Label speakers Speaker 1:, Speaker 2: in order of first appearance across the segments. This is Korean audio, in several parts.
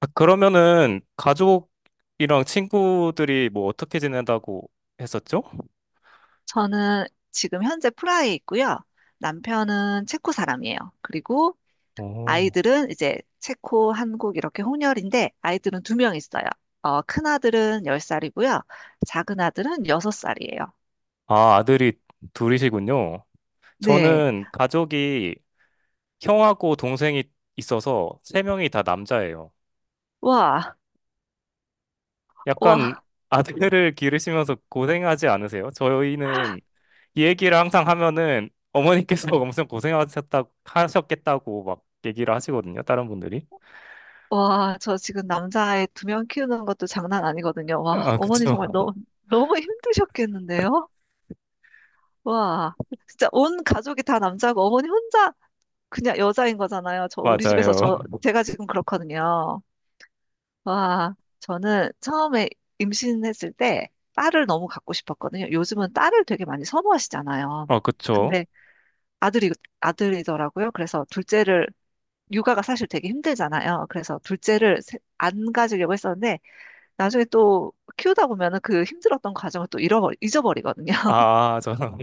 Speaker 1: 아, 그러면은 가족이랑 친구들이 뭐 어떻게 지낸다고 했었죠?
Speaker 2: 저는 지금 현재 프라하에 있고요. 남편은 체코 사람이에요. 그리고
Speaker 1: 오.
Speaker 2: 아이들은 이제 체코, 한국 이렇게 혼혈인데 아이들은 2명 있어요. 큰 아들은 열 살이고요. 작은 아들은 여섯 살이에요.
Speaker 1: 아, 아들이 둘이시군요.
Speaker 2: 네.
Speaker 1: 저는 가족이 형하고 동생이 있어서 세 명이 다 남자예요.
Speaker 2: 와,
Speaker 1: 약간
Speaker 2: 와,
Speaker 1: 아들을 기르시면서 고생하지 않으세요? 저희는 이 얘기를 항상 하면은 어머니께서 엄청 고생하셨다 하셨겠다고 막 얘기를 하시거든요. 다른 분들이.
Speaker 2: 와. 저 지금 남자아이 2명 키우는 것도 장난 아니거든요. 와,
Speaker 1: 아,
Speaker 2: 어머니
Speaker 1: 그쵸.
Speaker 2: 정말 너무, 너무 힘드셨겠는데요? 와, 진짜 온 가족이 다 남자고 어머니 혼자 그냥 여자인 거잖아요. 저 우리 집에서
Speaker 1: 맞아요.
Speaker 2: 저 제가 지금 그렇거든요. 와, 저는 처음에 임신했을 때 딸을 너무 갖고 싶었거든요. 요즘은 딸을 되게 많이 선호하시잖아요.
Speaker 1: 아, 그쵸.
Speaker 2: 근데 아들이 아들이더라고요. 그래서 둘째를, 육아가 사실 되게 힘들잖아요. 그래서 둘째를 안 가지려고 했었는데 나중에 또 키우다 보면은 그 힘들었던 과정을 또 잊어버리거든요.
Speaker 1: 아, 저는.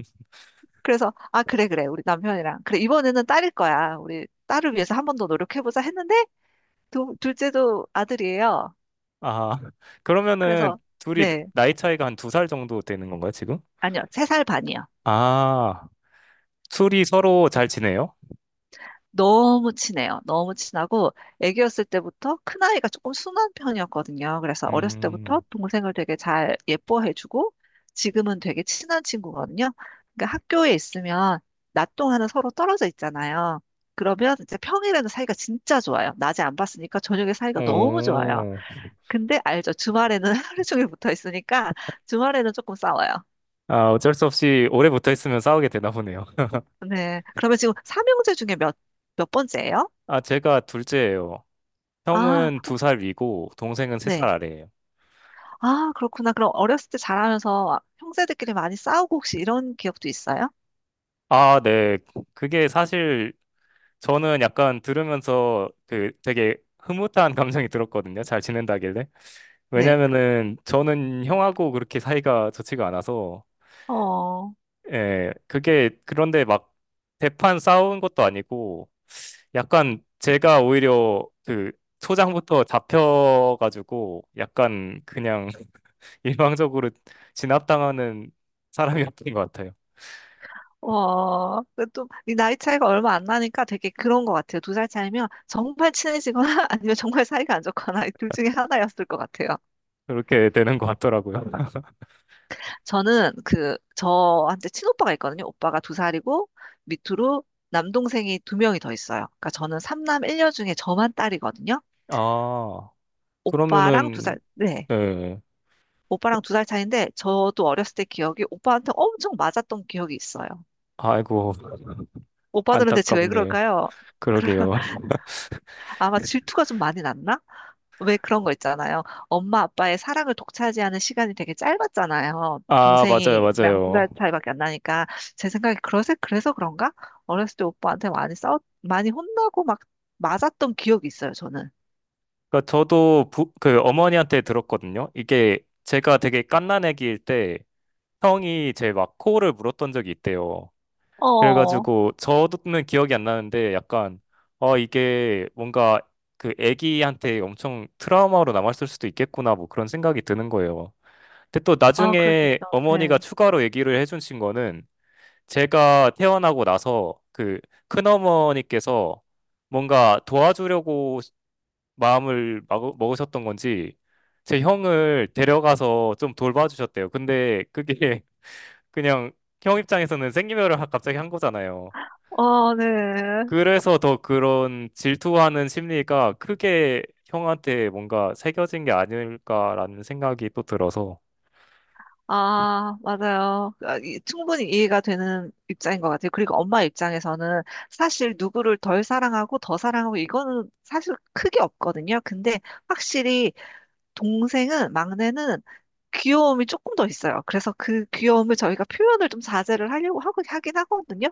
Speaker 2: 그래서 아 그래 그래 우리 남편이랑 그래 이번에는 딸일 거야. 우리 딸을 위해서 1번 더 노력해보자 했는데 둘째도 아들이에요.
Speaker 1: 아, 그러면은
Speaker 2: 그래서,
Speaker 1: 둘이
Speaker 2: 네,
Speaker 1: 나이 차이가 한 두 살 정도 되는 건가요, 지금?
Speaker 2: 아니요, 세 살 반이요.
Speaker 1: 아, 둘이 서로 잘 지내요?
Speaker 2: 너무 친해요. 너무 친하고, 애기였을 때부터 큰아이가 조금 순한 편이었거든요. 그래서 어렸을 때부터
Speaker 1: 음.
Speaker 2: 동생을 되게 잘 예뻐해주고, 지금은 되게 친한 친구거든요. 그러니까 학교에 있으면 낮 동안은 서로 떨어져 있잖아요. 그러면 이제 평일에는 사이가 진짜 좋아요. 낮에 안 봤으니까 저녁에 사이가 너무 좋아요.
Speaker 1: 오.
Speaker 2: 근데 알죠. 주말에는 하루 종일 붙어 있으니까 주말에는 조금 싸워요.
Speaker 1: 아, 어쩔 수 없이 오래 붙어 있으면 싸우게 되나 보네요.
Speaker 2: 네. 그러면 지금 삼형제 중에 몇 번째예요?
Speaker 1: 아, 제가 둘째예요.
Speaker 2: 아,
Speaker 1: 형은 두 살 위고, 동생은 세 살
Speaker 2: 네.
Speaker 1: 아래예요.
Speaker 2: 아, 그렇구나. 그럼 어렸을 때 자라면서 형제들끼리 많이 싸우고 혹시 이런 기억도 있어요?
Speaker 1: 아, 네. 그게 사실 저는 약간 들으면서 그 되게 흐뭇한 감정이 들었거든요. 잘 지낸다길래.
Speaker 2: 네.
Speaker 1: 왜냐면은 저는 형하고 그렇게 사이가 좋지가 않아서.
Speaker 2: 어,
Speaker 1: 예, 그게 그런데 막 대판 싸운 것도 아니고 약간 제가 오히려 그 초장부터 잡혀가지고 약간 그냥 일방적으로 진압당하는 사람이었던 것 같아요.
Speaker 2: 어, 또, 이 나이 차이가 얼마 안 나니까 되게 그런 것 같아요. 두 살 차이면 정말 친해지거나 아니면 정말 사이가 안 좋거나 이둘 중에 하나였을 것 같아요.
Speaker 1: 그렇게 되는 것 같더라고요.
Speaker 2: 저는 저한테 친오빠가 있거든요. 오빠가 두 살이고 밑으로 남동생이 두 명이 더 있어요. 그러니까 저는 삼남 일녀 중에 저만 딸이거든요.
Speaker 1: 아,
Speaker 2: 오빠랑 두
Speaker 1: 그러면은
Speaker 2: 살, 네.
Speaker 1: 네.
Speaker 2: 오빠랑 두 살 차이인데, 저도 어렸을 때 기억이 오빠한테 엄청 맞았던 기억이 있어요.
Speaker 1: 아이고.
Speaker 2: 오빠들은 대체 왜
Speaker 1: 안타깝네요.
Speaker 2: 그럴까요? 그래,
Speaker 1: 그러게요.
Speaker 2: 아마 질투가 좀 많이 났나? 왜 그런 거 있잖아요. 엄마 아빠의 사랑을 독차지하는 시간이 되게 짧았잖아요.
Speaker 1: 아, 맞아요,
Speaker 2: 동생이랑 두
Speaker 1: 맞아요.
Speaker 2: 살 차이밖에 안 나니까. 제 생각에 그래서 그런가? 어렸을 때 오빠한테 많이 많이 혼나고 막 맞았던 기억이 있어요, 저는.
Speaker 1: 그러니까 그 어머니한테 들었거든요. 이게 제가 되게 갓난 애기일때 형이 제 막 코를 물었던 적이 있대요.
Speaker 2: 어,
Speaker 1: 그래가지고 저도는 기억이 안 나는데 약간 어 이게 뭔가 그 애기한테 엄청 트라우마로 남았을 수도 있겠구나 뭐 그런 생각이 드는 거예요. 근데 또
Speaker 2: 아, 그럴 수
Speaker 1: 나중에
Speaker 2: 있죠. 네.
Speaker 1: 어머니가 추가로 얘기를 해주신 거는 제가 태어나고 나서 그 큰어머니께서 뭔가 도와주려고 먹으셨던 건지 제 형을 데려가서 좀 돌봐주셨대요. 근데 그게 그냥 형 입장에서는 갑자기 한 거잖아요.
Speaker 2: 어, 네.
Speaker 1: 그래서 더 그런 질투하는 심리가 크게 형한테 뭔가 새겨진 게 아닐까라는 생각이 또 들어서.
Speaker 2: 아, 맞아요. 아, 충분히 이해가 되는 입장인 것 같아요. 그리고 엄마 입장에서는 사실 누구를 덜 사랑하고 더 사랑하고 이거는 사실 크게 없거든요. 근데 확실히 동생은, 막내는 귀여움이 조금 더 있어요. 그래서 그 귀여움을 저희가 표현을 좀 자제를 하려고 하고, 하긴 하거든요.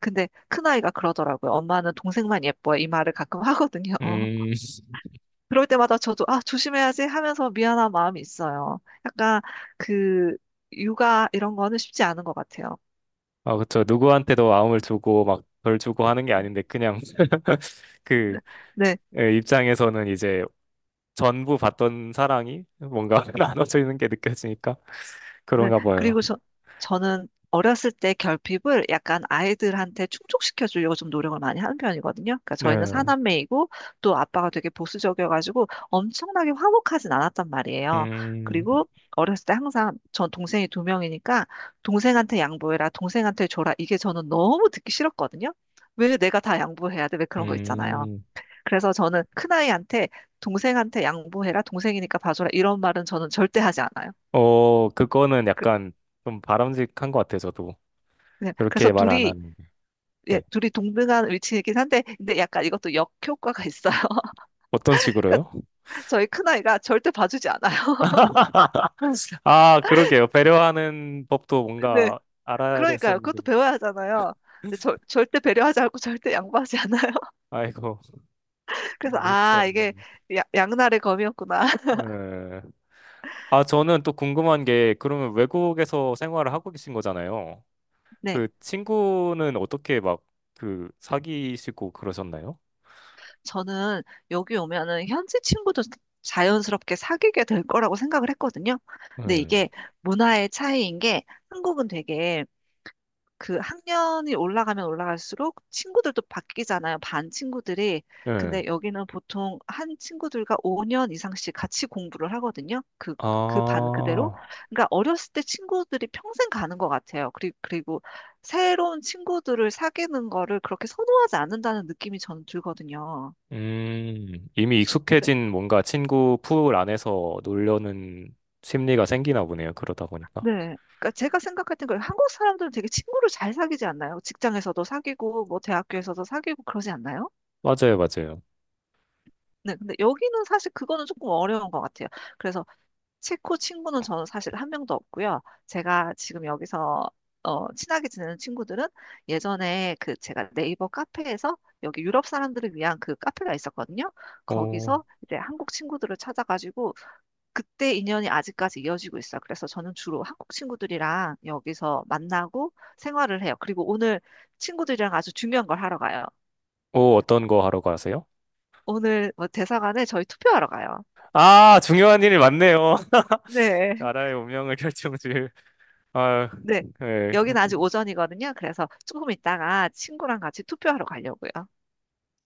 Speaker 2: 근데 큰아이가 그러더라고요. 엄마는 동생만 예뻐. 이 말을 가끔 하거든요. 어.
Speaker 1: 음.
Speaker 2: 그럴 때마다 저도 아 조심해야지 하면서 미안한 마음이 있어요. 약간 그 육아 이런 거는 쉽지 않은 것 같아요.
Speaker 1: 아, 그쵸. 누구한테도 마음을 주고 막 덜 주고 하는 게
Speaker 2: 음.
Speaker 1: 아닌데 그냥 그.
Speaker 2: 네, 네.
Speaker 1: 예, 입장에서는 이제 전부 받던 사랑이 뭔가 나눠져 있는 게 느껴지니까
Speaker 2: 네.
Speaker 1: 그런가 봐요.
Speaker 2: 그리고 저는 어렸을 때 결핍을 약간 아이들한테 충족시켜 주려고 좀 노력을 많이 하는 편이거든요. 그러니까 저희는
Speaker 1: 네.
Speaker 2: 사남매이고 또 아빠가 되게 보수적이어가지고 엄청나게 화목하진 않았단 말이에요.
Speaker 1: 음.
Speaker 2: 그리고 어렸을 때 항상 전 동생이 두 명이니까 동생한테 양보해라, 동생한테 줘라. 이게 저는 너무 듣기 싫었거든요. 왜 내가 다 양보해야 돼? 왜 그런 거 있잖아요.
Speaker 1: 음.
Speaker 2: 그래서 저는 큰아이한테 동생한테 양보해라, 동생이니까 봐줘라. 이런 말은 저는 절대 하지 않아요.
Speaker 1: 어, 그거는
Speaker 2: 그-
Speaker 1: 약간 좀 바람직한 것 같아요, 저도.
Speaker 2: 네, 그래서
Speaker 1: 그렇게 말 안
Speaker 2: 둘이
Speaker 1: 하는데.
Speaker 2: 예,
Speaker 1: 네.
Speaker 2: 둘이 동등한 위치이긴 한데, 근데 약간 이것도 역효과가 있어요.
Speaker 1: 어떤
Speaker 2: 그러니까
Speaker 1: 식으로요?
Speaker 2: 저희 큰아이가 절대 봐주지 않아요.
Speaker 1: 아, 그러게요. 배려하는 법도
Speaker 2: 네,
Speaker 1: 뭔가 알아야
Speaker 2: 그러니까요.
Speaker 1: 됐었는데.
Speaker 2: 그것도 배워야 하잖아요. 근데 절대 배려하지 않고 절대 양보하지 않아요.
Speaker 1: 아이고.
Speaker 2: 그래서,
Speaker 1: 멋있지
Speaker 2: 아,
Speaker 1: 않네.
Speaker 2: 이게 양날의 검이었구나.
Speaker 1: 예. 아, 저는 또 궁금한 게, 그러면 외국에서 생활을 하고 계신 거잖아요.
Speaker 2: 네,
Speaker 1: 그 친구는 어떻게 막, 그, 사귀시고 그러셨나요?
Speaker 2: 저는 여기 오면은 현지 친구도 자연스럽게 사귀게 될 거라고 생각을 했거든요. 근데
Speaker 1: 예.
Speaker 2: 이게 문화의 차이인 게 한국은 되게 그 학년이 올라가면 올라갈수록 친구들도 바뀌잖아요. 반 친구들이.
Speaker 1: 예.
Speaker 2: 근데 여기는 보통 한 친구들과 5년 이상씩 같이 공부를 하거든요. 그, 반 그대로.
Speaker 1: 아,
Speaker 2: 그러니까 어렸을 때 친구들이 평생 가는 것 같아요. 그리고 새로운 친구들을 사귀는 거를 그렇게 선호하지 않는다는 느낌이 저는 들거든요.
Speaker 1: 음, 이미
Speaker 2: 그래-
Speaker 1: 익숙해진 뭔가 친구 풀 안에서 놀려는 심리가 생기나 보네요. 그러다 보니까.
Speaker 2: 네. 네. 그러니까 제가 생각할 땐 그래요. 한국 사람들은 되게 친구를 잘 사귀지 않나요? 직장에서도 사귀고, 뭐 대학교에서도 사귀고 그러지 않나요?
Speaker 1: 맞아요, 맞아요.
Speaker 2: 네, 근데 여기는 사실 그거는 조금 어려운 것 같아요. 그래서 체코 친구는 저는 사실 한 명도 없고요. 제가 지금 여기서 친하게 지내는 친구들은 예전에 그 제가 네이버 카페에서 여기 유럽 사람들을 위한 그 카페가 있었거든요.
Speaker 1: 어.
Speaker 2: 거기서 이제 한국 친구들을 찾아가지고 그때 인연이 아직까지 이어지고 있어요. 그래서 저는 주로 한국 친구들이랑 여기서 만나고 생활을 해요. 그리고 오늘 친구들이랑 아주 중요한 걸 하러 가요.
Speaker 1: 어떤 거 하러 가세요?
Speaker 2: 오늘 뭐 대사관에 저희 투표하러 가요.
Speaker 1: 아, 중요한 일이 많네요.
Speaker 2: 네.
Speaker 1: 나라의 운명을 결정질. 아,
Speaker 2: 네.
Speaker 1: 예.
Speaker 2: 여기는 아직 오전이거든요. 그래서 조금 있다가 친구랑 같이 투표하러 가려고요.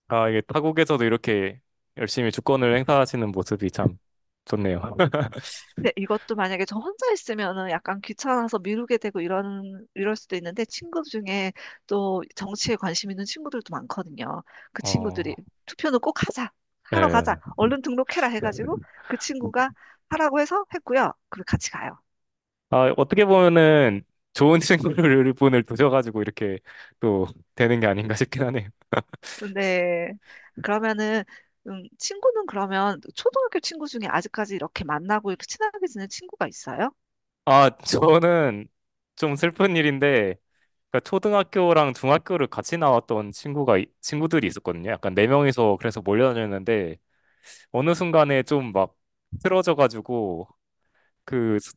Speaker 1: 아, 이게 타국에서도 이렇게 열심히 주권을 행사하시는 모습이 참 좋네요.
Speaker 2: 근데 이것도 만약에 저 혼자 있으면은 약간 귀찮아서 미루게 되고 이럴 수도 있는데 친구 중에 또 정치에 관심 있는 친구들도 많거든요. 그 친구들이
Speaker 1: 어.
Speaker 2: 투표는 꼭 하자. 하러 가자.
Speaker 1: 예.
Speaker 2: 얼른 등록해라 해가지고 그 친구가 하라고 해서 했고요. 그리고 같이 가요.
Speaker 1: 아, 어떻게 보면은 좋은 친구를 분을 두셔가지고 이렇게 또 되는 게 아닌가 싶긴 하네요.
Speaker 2: 네. 그러면은, 친구는 그러면 초등학교 친구 중에 아직까지 이렇게 만나고 이렇게 친하게 지낸 친구가 있어요?
Speaker 1: 아, 저는 좀 슬픈 일인데, 그러니까 초등학교랑 중학교를 같이 나왔던 친구들이 있었거든요. 약간 네 명이서 그래서 몰려다녔는데, 어느 순간에 좀 막 틀어져가지고, 그, 스-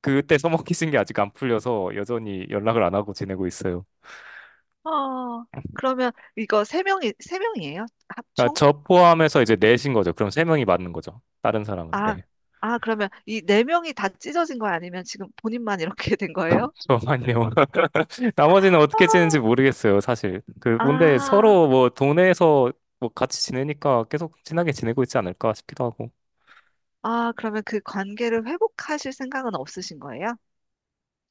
Speaker 1: 그때 써먹히신 게 아직 안 풀려서 여전히 연락을 안 하고 지내고 있어요.
Speaker 2: 어, 그러면 이거 세 명이에요?
Speaker 1: 그러니까
Speaker 2: 합총?
Speaker 1: 저 포함해서 이제 넷인 거죠. 그럼 세 명이 맞는 거죠. 다른 사람은.
Speaker 2: 아,
Speaker 1: 네.
Speaker 2: 아, 그러면 이 4명이 다 찢어진 거 아니면 지금 본인만 이렇게 된 거예요?
Speaker 1: 저만요. 나머지는
Speaker 2: 어,
Speaker 1: 어떻게 지내는지 모르겠어요, 사실. 그, 근데
Speaker 2: 아,
Speaker 1: 서로 뭐 동네에서 뭐 같이 지내니까 계속 친하게 지내고 있지 않을까 싶기도 하고.
Speaker 2: 아, 그러면 그 관계를 회복하실 생각은 없으신 거예요?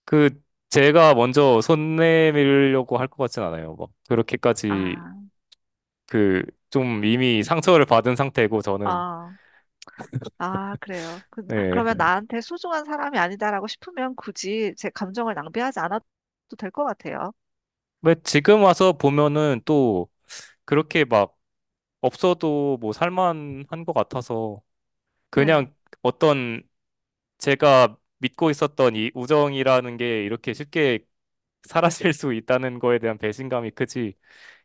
Speaker 1: 그, 제가 먼저 손 내밀려고 할 것 같진 않아요. 막, 그렇게까지
Speaker 2: 아,
Speaker 1: 그, 좀 이미 상처를 받은 상태고, 저는.
Speaker 2: 아, 아, 그래요. 그러면
Speaker 1: 예.
Speaker 2: 나한테 소중한 사람이 아니다라고 싶으면 굳이 제 감정을 낭비하지 않아도 될 것 같아요.
Speaker 1: 왜 지금 와서 보면은 또 그렇게 막 없어도 뭐 살만한 것 같아서
Speaker 2: 네.
Speaker 1: 그냥 어떤 제가 믿고 있었던 이 우정이라는 게 이렇게 쉽게 사라질 수 있다는 거에 대한 배신감이 크지,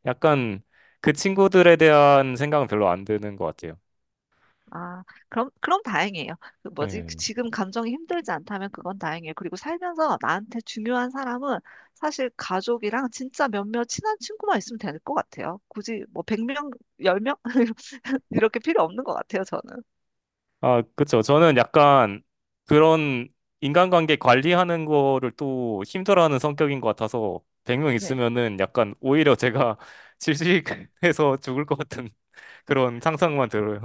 Speaker 1: 약간 그 친구들에 대한 생각은 별로 안 드는 것 같아요.
Speaker 2: 아, 그럼 다행이에요. 그 뭐지? 그
Speaker 1: 네.
Speaker 2: 지금 감정이 힘들지 않다면 그건 다행이에요. 그리고 살면서 나한테 중요한 사람은 사실 가족이랑 진짜 몇몇 친한 친구만 있으면 될 것 같아요. 굳이 뭐 100명, 10명? 이렇게 필요 없는 것 같아요, 저는.
Speaker 1: 아, 그쵸. 저는 약간 그런 인간관계 관리하는 거를 또 힘들어하는 성격인 것 같아서 100명
Speaker 2: 네.
Speaker 1: 있으면은 약간 오히려 제가 질식해서 죽을 것 같은 그런 상상만 들어요.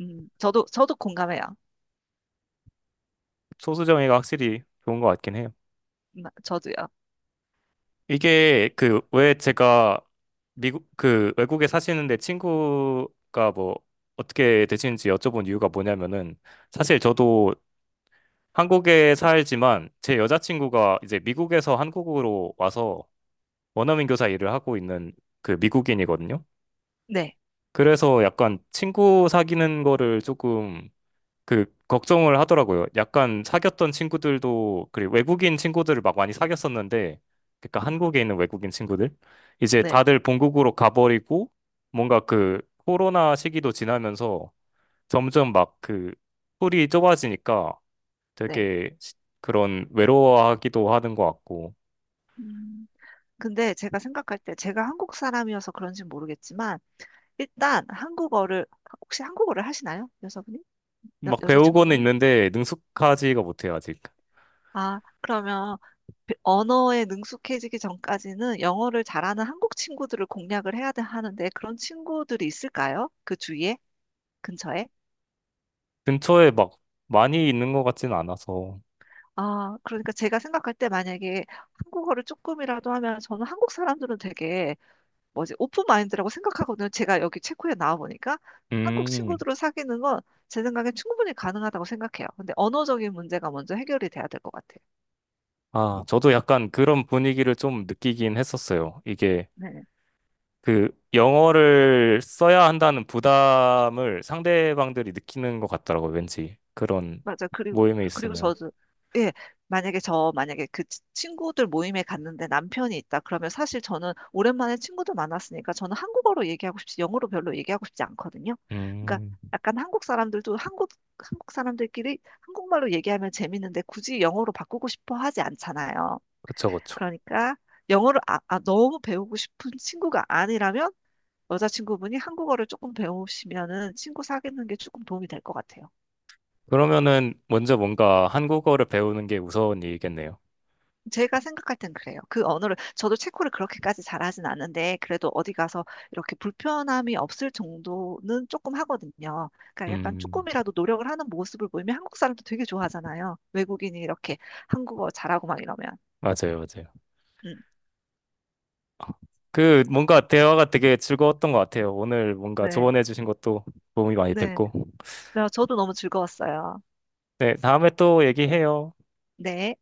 Speaker 2: 저도 공감해요.
Speaker 1: 소수정예가 확실히 좋은 것 같긴 해요.
Speaker 2: 저도요.
Speaker 1: 이게 그 왜 제가 미국 그 외국에 사시는데 친구가 뭐 어떻게 되시는지 여쭤본 이유가 뭐냐면은 사실 저도 한국에 살지만 제 여자친구가 이제 미국에서 한국으로 와서 원어민 교사 일을 하고 있는 그 미국인이거든요.
Speaker 2: 네,
Speaker 1: 그래서 약간 친구 사귀는 거를 조금 그 걱정을 하더라고요. 약간 사귀었던 친구들도 그리고 외국인 친구들을 막 많이 사귀었었는데, 그러니까 한국에 있는 외국인 친구들 이제
Speaker 2: 네,
Speaker 1: 다들 본국으로 가버리고 뭔가 그 코로나 시기도 지나면서 점점 막 그 풀이 좁아지니까
Speaker 2: 네.
Speaker 1: 되게 시- 그런 외로워하기도 하는 것 같고.
Speaker 2: 음, 근데 제가 생각할 때 제가 한국 사람이어서 그런지 는 모르겠지만 일단 한국어를, 혹시 한국어를 하시나요? 여자분이?
Speaker 1: 막 배우고는
Speaker 2: 자친구분이
Speaker 1: 있는데 능숙하지가 못해요 아직.
Speaker 2: 아, 그러면 언어에 능숙해지기 전까지는 영어를 잘하는 한국 친구들을 공략을 해야 돼, 하는데 그런 친구들이 있을까요? 그 주위에? 근처에?
Speaker 1: 근처에 막 많이 있는 것 같진 않아서.
Speaker 2: 아, 그러니까 제가 생각할 때 만약에 한국어를 조금이라도 하면 저는 한국 사람들은 되게 뭐지 오픈 마인드라고 생각하거든요. 제가 여기 체코에 나와 보니까 한국
Speaker 1: 음.
Speaker 2: 친구들을 사귀는 건 제 생각엔 충분히 가능하다고 생각해요. 근데 언어적인 문제가 먼저 해결이 돼야 될 것 같아요.
Speaker 1: 아, 저도 약간 그런 분위기를 좀 느끼긴 했었어요. 이게
Speaker 2: 네.
Speaker 1: 그 영어를 써야 한다는 부담을 상대방들이 느끼는 것 같더라고요. 왠지 그런
Speaker 2: 맞아.
Speaker 1: 모임에
Speaker 2: 그리고
Speaker 1: 있으면.
Speaker 2: 저도, 예, 만약에 만약에 그 친구들 모임에 갔는데 남편이 있다. 그러면 사실 저는 오랜만에 친구들 만났으니까 저는 한국어로 얘기하고 싶지, 영어로 별로 얘기하고 싶지 않거든요. 그러니까
Speaker 1: 음,
Speaker 2: 약간 한국 사람들도 한국 사람들끼리 한국말로 얘기하면 재밌는데 굳이 영어로 바꾸고 싶어 하지 않잖아요.
Speaker 1: 그쵸, 그쵸.
Speaker 2: 그러니까 영어를 아, 아, 너무 배우고 싶은 친구가 아니라면 여자친구분이 한국어를 조금 배우시면은 친구 사귀는 게 조금 도움이 될 것 같아요.
Speaker 1: 그러면은 먼저 뭔가 한국어를 배우는 게 우선 일이겠네요.
Speaker 2: 제가 생각할 땐 그래요. 그 언어를, 저도 체코를 그렇게까지 잘하진 않는데, 그래도 어디 가서 이렇게 불편함이 없을 정도는 조금 하거든요. 그러니까 약간
Speaker 1: 음,
Speaker 2: 조금이라도 노력을 하는 모습을 보이면 한국 사람도 되게 좋아하잖아요. 외국인이 이렇게 한국어 잘하고 막 이러면.
Speaker 1: 맞아요, 맞아요.
Speaker 2: 음,
Speaker 1: 그 뭔가 대화가 되게 즐거웠던 것 같아요. 오늘 뭔가
Speaker 2: 네,
Speaker 1: 조언해 주신 것도 도움이 많이
Speaker 2: 네.
Speaker 1: 됐고.
Speaker 2: 네, 저도 너무 즐거웠어요.
Speaker 1: 네, 다음에 또 얘기해요.
Speaker 2: 네.